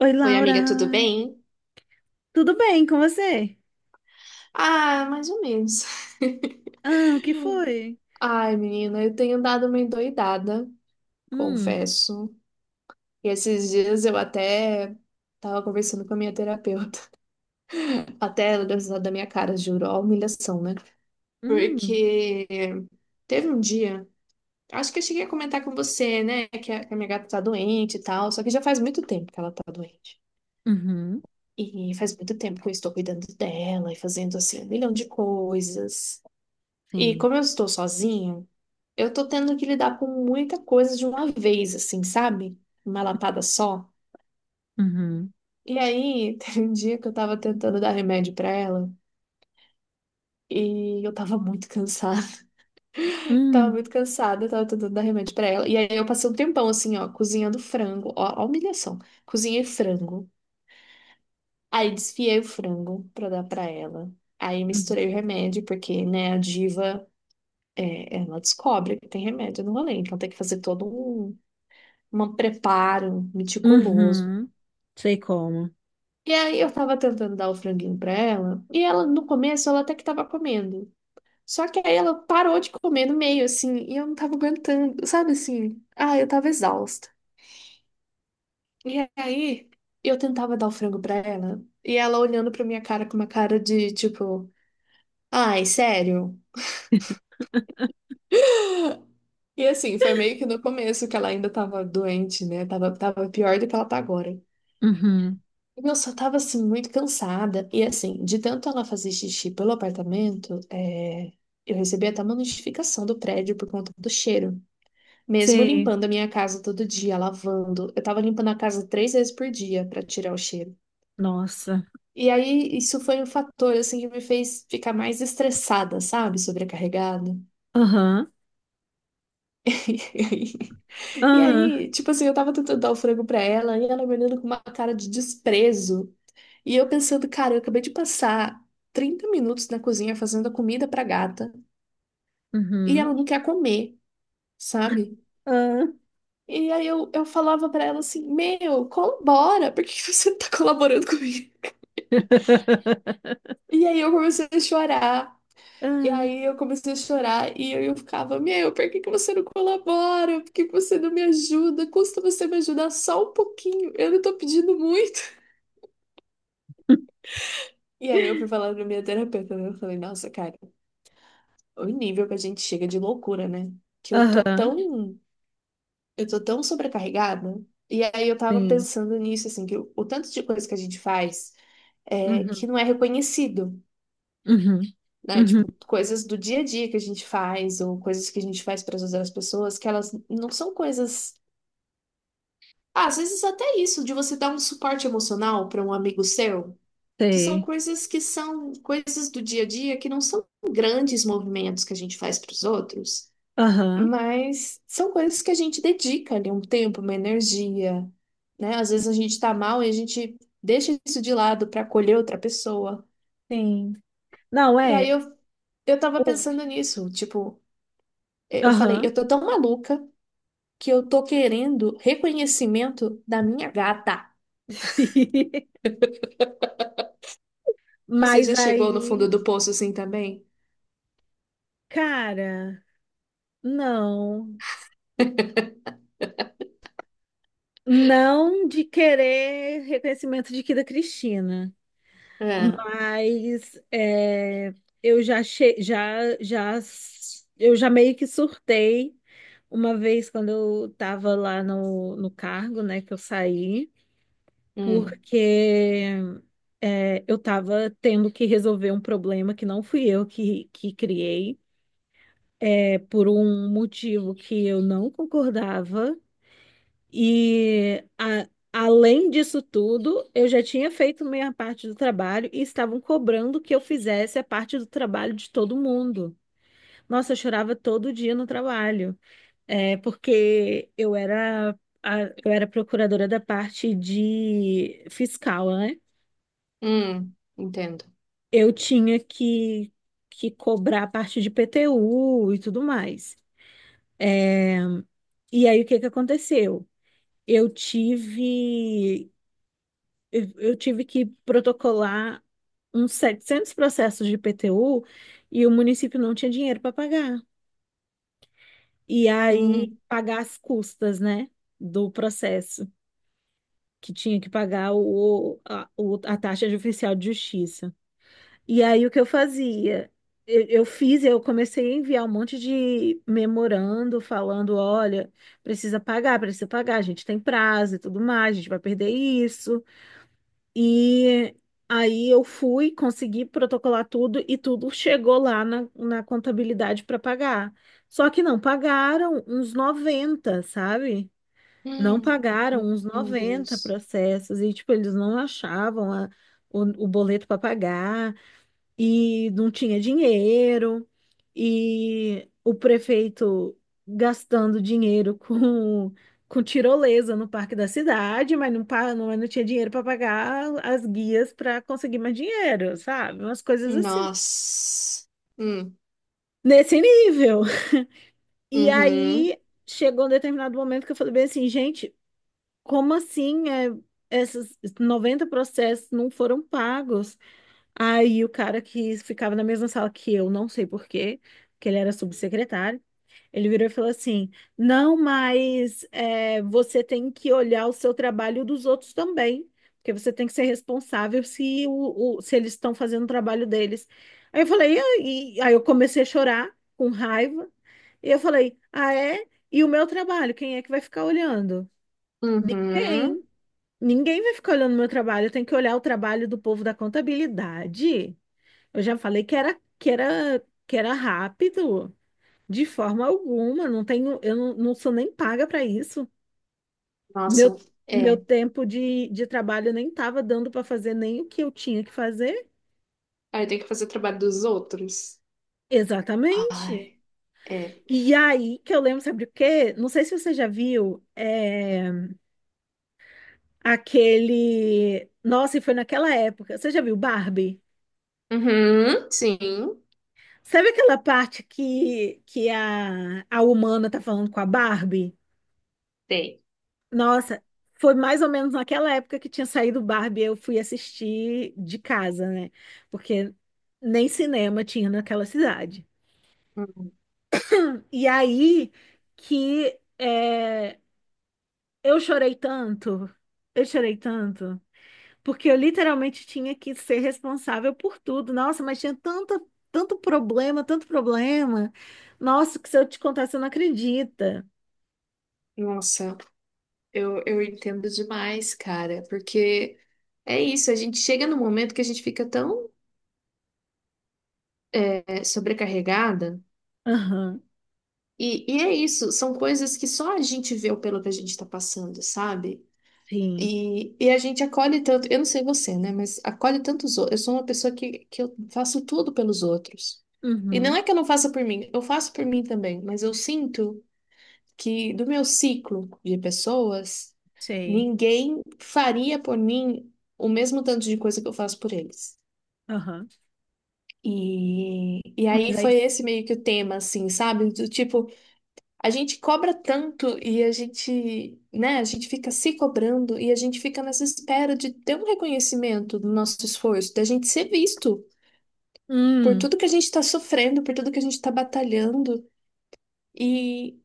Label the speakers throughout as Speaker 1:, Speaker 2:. Speaker 1: Oi,
Speaker 2: Oi,
Speaker 1: Laura.
Speaker 2: amiga, tudo bem?
Speaker 1: Tudo bem com você?
Speaker 2: Ah, mais ou menos.
Speaker 1: Ah, o que foi?
Speaker 2: Ai, menina, eu tenho dado uma endoidada,
Speaker 1: Hum.
Speaker 2: confesso. E esses dias eu até tava conversando com a minha terapeuta. Até ela deu risada da minha cara, juro, ó, a humilhação, né?
Speaker 1: Hum.
Speaker 2: Porque teve um dia, acho que eu cheguei a comentar com você, né, que a minha gata tá doente e tal, só que já faz muito tempo que ela tá doente.
Speaker 1: Uhum.
Speaker 2: E faz muito tempo que eu estou cuidando dela e fazendo assim um milhão de coisas. E
Speaker 1: Sim.
Speaker 2: como eu estou sozinha, eu tô tendo que lidar com muita coisa de uma vez, assim, sabe? Uma lapada só.
Speaker 1: Uhum.
Speaker 2: E aí, teve um dia que eu tava tentando dar remédio pra ela e eu tava muito cansada. Tava
Speaker 1: Hum.
Speaker 2: muito cansada, eu tava tentando dar remédio pra ela. E aí eu passei um tempão assim, ó, cozinhando frango. Ó, a humilhação. Cozinhei frango. Aí desfiei o frango pra dar pra ela. Aí
Speaker 1: Uhum.
Speaker 2: misturei o remédio, porque, né, a diva, é, ela descobre que tem remédio no rolê. Então tem que fazer todo um, um preparo meticuloso.
Speaker 1: Uhum. Sei como.
Speaker 2: E aí eu tava tentando dar o franguinho pra ela, e ela, no começo, ela até que tava comendo. Só que aí ela parou de comer no meio, assim, e eu não tava aguentando, sabe assim? Ah, eu tava exausta. E aí eu tentava dar o frango pra ela, e ela olhando pra minha cara com uma cara de tipo, ai, sério? E assim, foi meio que no começo que ela ainda tava doente, né? Tava, tava pior do que ela tá agora.
Speaker 1: Uhum.
Speaker 2: Eu só tava assim muito cansada. E assim, de tanto ela fazer xixi pelo apartamento, é, eu recebi até uma notificação do prédio por conta do cheiro. Mesmo
Speaker 1: Sei.
Speaker 2: limpando a minha casa todo dia, lavando, eu tava limpando a casa 3 vezes por dia pra tirar o cheiro.
Speaker 1: Nossa.
Speaker 2: E aí, isso foi um fator assim que me fez ficar mais estressada, sabe? Sobrecarregada.
Speaker 1: Aham.
Speaker 2: E
Speaker 1: Aham.
Speaker 2: aí, tipo assim, eu tava tentando dar o frango pra ela e ela me olhando com uma cara de desprezo. E eu pensando, cara, eu acabei de passar 30 minutos na cozinha fazendo a comida pra gata e
Speaker 1: Uhum.
Speaker 2: ela não quer comer, sabe?
Speaker 1: Ah.
Speaker 2: E aí eu falava pra ela assim: Meu, colabora, por que que você não tá colaborando comigo? E aí eu comecei a chorar. E
Speaker 1: Ah.
Speaker 2: aí eu comecei a chorar e eu ficava: Meu, por que que você não colabora? Por que que você não me ajuda? Custa você me ajudar só um pouquinho, eu não tô pedindo muito. E aí eu fui falar pra minha terapeuta, né? Eu falei: Nossa, cara. O nível que a gente chega de loucura, né? Que
Speaker 1: Aham.
Speaker 2: eu tô tão sobrecarregada. E aí eu tava
Speaker 1: Sim.
Speaker 2: pensando nisso, assim, que o tanto de coisa que a gente faz é que
Speaker 1: Uhum.
Speaker 2: não é reconhecido,
Speaker 1: Uhum.
Speaker 2: né?
Speaker 1: Uhum.
Speaker 2: Tipo, coisas do dia a dia que a gente faz, ou coisas que a gente faz para ajudar as pessoas, que elas não são coisas. Ah, às vezes até isso, de você dar um suporte emocional para um amigo seu,
Speaker 1: Sei.
Speaker 2: que são coisas do dia a dia que não são grandes movimentos que a gente faz para os outros.
Speaker 1: Aham.
Speaker 2: Mas são coisas que a gente dedica ali um tempo, uma energia, né? Às vezes a gente tá mal e a gente deixa isso de lado para acolher outra pessoa.
Speaker 1: Sim. Não,
Speaker 2: E aí
Speaker 1: é.
Speaker 2: eu tava
Speaker 1: o-
Speaker 2: pensando nisso, tipo, eu falei,
Speaker 1: Aham.
Speaker 2: eu tô tão maluca que eu tô querendo reconhecimento da minha gata. Você
Speaker 1: Mas
Speaker 2: já chegou no fundo
Speaker 1: aí,
Speaker 2: do poço assim também?
Speaker 1: cara, não. Não de querer reconhecimento de que da Cristina,
Speaker 2: É,
Speaker 1: mas é, eu já, eu já meio que surtei uma vez quando eu estava lá no cargo, né, que eu saí,
Speaker 2: hum,
Speaker 1: porque é, eu estava tendo que resolver um problema que não fui eu que criei. É, por um motivo que eu não concordava, e além disso tudo, eu já tinha feito minha parte do trabalho e estavam cobrando que eu fizesse a parte do trabalho de todo mundo. Nossa, eu chorava todo dia no trabalho, é, porque eu era procuradora da parte de fiscal, né?
Speaker 2: entendo.
Speaker 1: Eu tinha que, cobrar a parte de PTU e tudo mais. E aí, o que que aconteceu? eu tive eu tive que protocolar uns 700 processos de IPTU e o município não tinha dinheiro para pagar. E aí
Speaker 2: Hum,
Speaker 1: pagar as custas, né, do processo, que tinha que pagar o, a, a taxa de oficial de justiça. E aí o que eu fazia? Eu comecei a enviar um monte de memorando falando, olha, precisa pagar, a gente tem prazo e tudo mais, a gente vai perder isso. E aí eu fui, consegui protocolar tudo e tudo chegou lá na contabilidade para pagar. Só que não pagaram uns 90, sabe? Não
Speaker 2: hum,
Speaker 1: pagaram uns
Speaker 2: meu
Speaker 1: noventa
Speaker 2: Deus.
Speaker 1: processos e, tipo, eles não achavam o boleto para pagar e não tinha dinheiro, e o prefeito gastando dinheiro com tirolesa no parque da cidade, mas não, não tinha dinheiro para pagar as guias para conseguir mais dinheiro, sabe? Umas coisas assim,
Speaker 2: Nossa. Hum,
Speaker 1: nesse nível. E
Speaker 2: uhum.
Speaker 1: aí chegou um determinado momento que eu falei bem assim, gente, como assim é, esses 90 processos não foram pagos? Aí o cara que ficava na mesma sala que eu, não sei por quê, que ele era subsecretário, ele virou e falou assim: Não, mas é, você tem que olhar o seu trabalho dos outros também, porque você tem que ser responsável se, se eles estão fazendo o trabalho deles. Aí eu falei, aí eu comecei a chorar com raiva, e eu falei, ah, é? E o meu trabalho, quem é que vai ficar olhando?
Speaker 2: Uhum.
Speaker 1: Quem? Ninguém vai ficar olhando o meu trabalho, eu tenho que olhar o trabalho do povo da contabilidade. Eu já falei que era rápido, de forma alguma. Não tenho, eu não, não sou nem paga para isso.
Speaker 2: Nossa,
Speaker 1: Meu meu
Speaker 2: é.
Speaker 1: tempo de trabalho nem estava dando para fazer nem o que eu tinha que fazer.
Speaker 2: Aí tem que fazer trabalho dos outros. Ai,
Speaker 1: Exatamente.
Speaker 2: é.
Speaker 1: E aí que eu lembro, sabe o quê? Não sei se você já viu é, aquele. Nossa, e foi naquela época. Você já viu Barbie?
Speaker 2: Uhum, sim,
Speaker 1: Sabe aquela parte que, a humana tá falando com a Barbie?
Speaker 2: tem.
Speaker 1: Nossa, foi mais ou menos naquela época que tinha saído Barbie, eu fui assistir de casa, né? Porque nem cinema tinha naquela cidade.
Speaker 2: Uhum.
Speaker 1: E aí que é, eu chorei tanto, eu chorei tanto, porque eu literalmente tinha que ser responsável por tudo. Nossa, mas tinha tanta, tanto problema, tanto problema. Nossa, que se eu te contar, você não acredita.
Speaker 2: Nossa, eu entendo demais, cara, porque é isso, a gente chega num momento que a gente fica tão é, sobrecarregada,
Speaker 1: Aham.
Speaker 2: e, é isso, são coisas que só a gente vê o pelo que a gente tá passando, sabe?
Speaker 1: Sim.
Speaker 2: E, a gente acolhe tanto, eu não sei você, né? Mas acolhe tantos outros. Eu sou uma pessoa que eu faço tudo pelos outros. E não
Speaker 1: Uhum.
Speaker 2: é que eu não faça por mim, eu faço por mim também, mas eu sinto que do meu ciclo de pessoas,
Speaker 1: Sei.
Speaker 2: ninguém faria por mim o mesmo tanto de coisa que eu faço por eles.
Speaker 1: Aham.
Speaker 2: E, aí
Speaker 1: Mas aí.
Speaker 2: foi esse meio que o tema, assim, sabe? Do tipo. A gente cobra tanto e a gente, né, a gente fica se cobrando e a gente fica nessa espera de ter um reconhecimento do nosso esforço, da gente ser visto por
Speaker 1: Hum.
Speaker 2: tudo que a gente está sofrendo, por tudo que a gente está batalhando. E,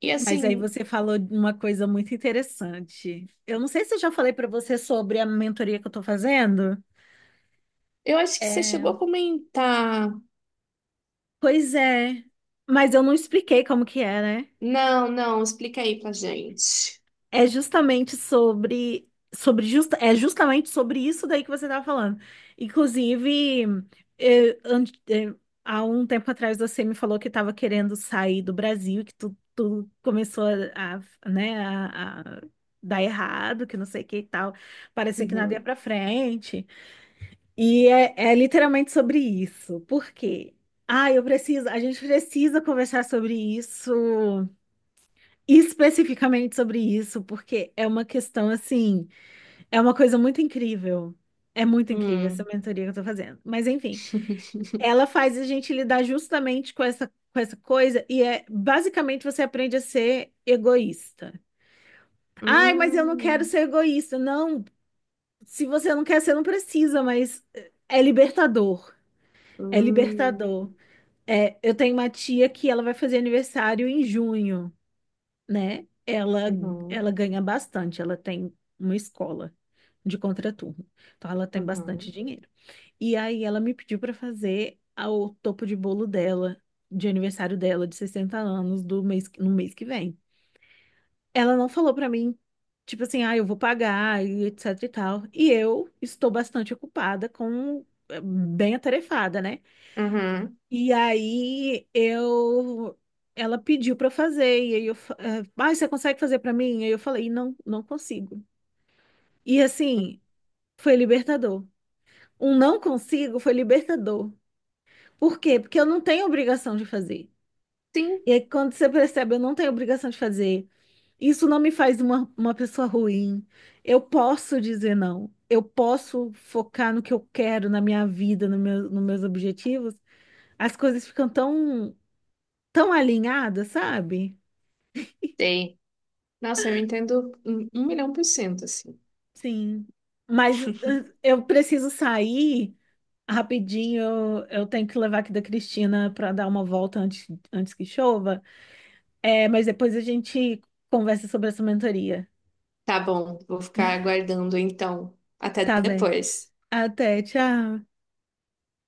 Speaker 2: e
Speaker 1: Mas aí
Speaker 2: assim,
Speaker 1: você falou de uma coisa muito interessante. Eu não sei se eu já falei para você sobre a mentoria que eu estou fazendo.
Speaker 2: eu acho que você
Speaker 1: É,
Speaker 2: chegou a comentar.
Speaker 1: pois é, mas eu não expliquei como que é, né?
Speaker 2: Não, não, explica aí pra gente.
Speaker 1: É justamente sobre, é justamente sobre isso daí que você estava falando. Inclusive, eh, an- eh, há um tempo atrás você me falou que estava querendo sair do Brasil, que tu começou a, né, a dar errado, que não sei o que e tal. Parecia que nada ia
Speaker 2: Uhum.
Speaker 1: para frente. E é, é literalmente sobre isso. Por quê? A gente precisa conversar sobre isso, especificamente sobre isso, porque é uma questão assim, é uma coisa muito incrível. É muito incrível essa
Speaker 2: Hum.
Speaker 1: mentoria que eu tô fazendo. Mas enfim, ela faz a gente lidar justamente com essa coisa e é basicamente você aprende a ser egoísta. Ai, mas eu não quero
Speaker 2: Hum.
Speaker 1: ser egoísta. Não, se você não quer ser, não precisa, mas é libertador. É
Speaker 2: Hum.
Speaker 1: libertador. É, eu tenho uma tia que ela vai fazer aniversário em junho. Né?
Speaker 2: Uhum.
Speaker 1: Ela ganha bastante, ela tem uma escola de contraturno, então ela tem bastante
Speaker 2: Uhum.
Speaker 1: dinheiro. E aí ela me pediu para fazer o topo de bolo dela, de aniversário dela, de 60 anos, do mês, no mês que vem. Ela não falou para mim, tipo assim, ah, eu vou pagar e etc e tal. E eu estou bastante ocupada com, bem atarefada, né?
Speaker 2: Uhum.
Speaker 1: E aí eu ela pediu para fazer e aí eu, fa- eh, ah, você consegue fazer para mim? E aí eu falei, não, não consigo. E assim, foi libertador. Um não consigo foi libertador. Por quê? Porque eu não tenho obrigação de fazer.
Speaker 2: Sim,
Speaker 1: E aí quando você percebe, eu não tenho obrigação de fazer. Isso não me faz uma pessoa ruim. Eu posso dizer não. Eu posso focar no que eu quero, na minha vida, no meu, nos meus objetivos. As coisas ficam tão, tão alinhada, sabe?
Speaker 2: tem. Nossa, eu entendo um milhão por cento, assim.
Speaker 1: Sim. Mas eh, eu preciso sair rapidinho. Eu tenho que levar aqui da Cristina para dar uma volta antes, antes que chova. É, mas depois a gente conversa sobre essa mentoria.
Speaker 2: Tá bom, vou ficar aguardando então. Até
Speaker 1: Tá bem.
Speaker 2: depois.
Speaker 1: Até, tchau.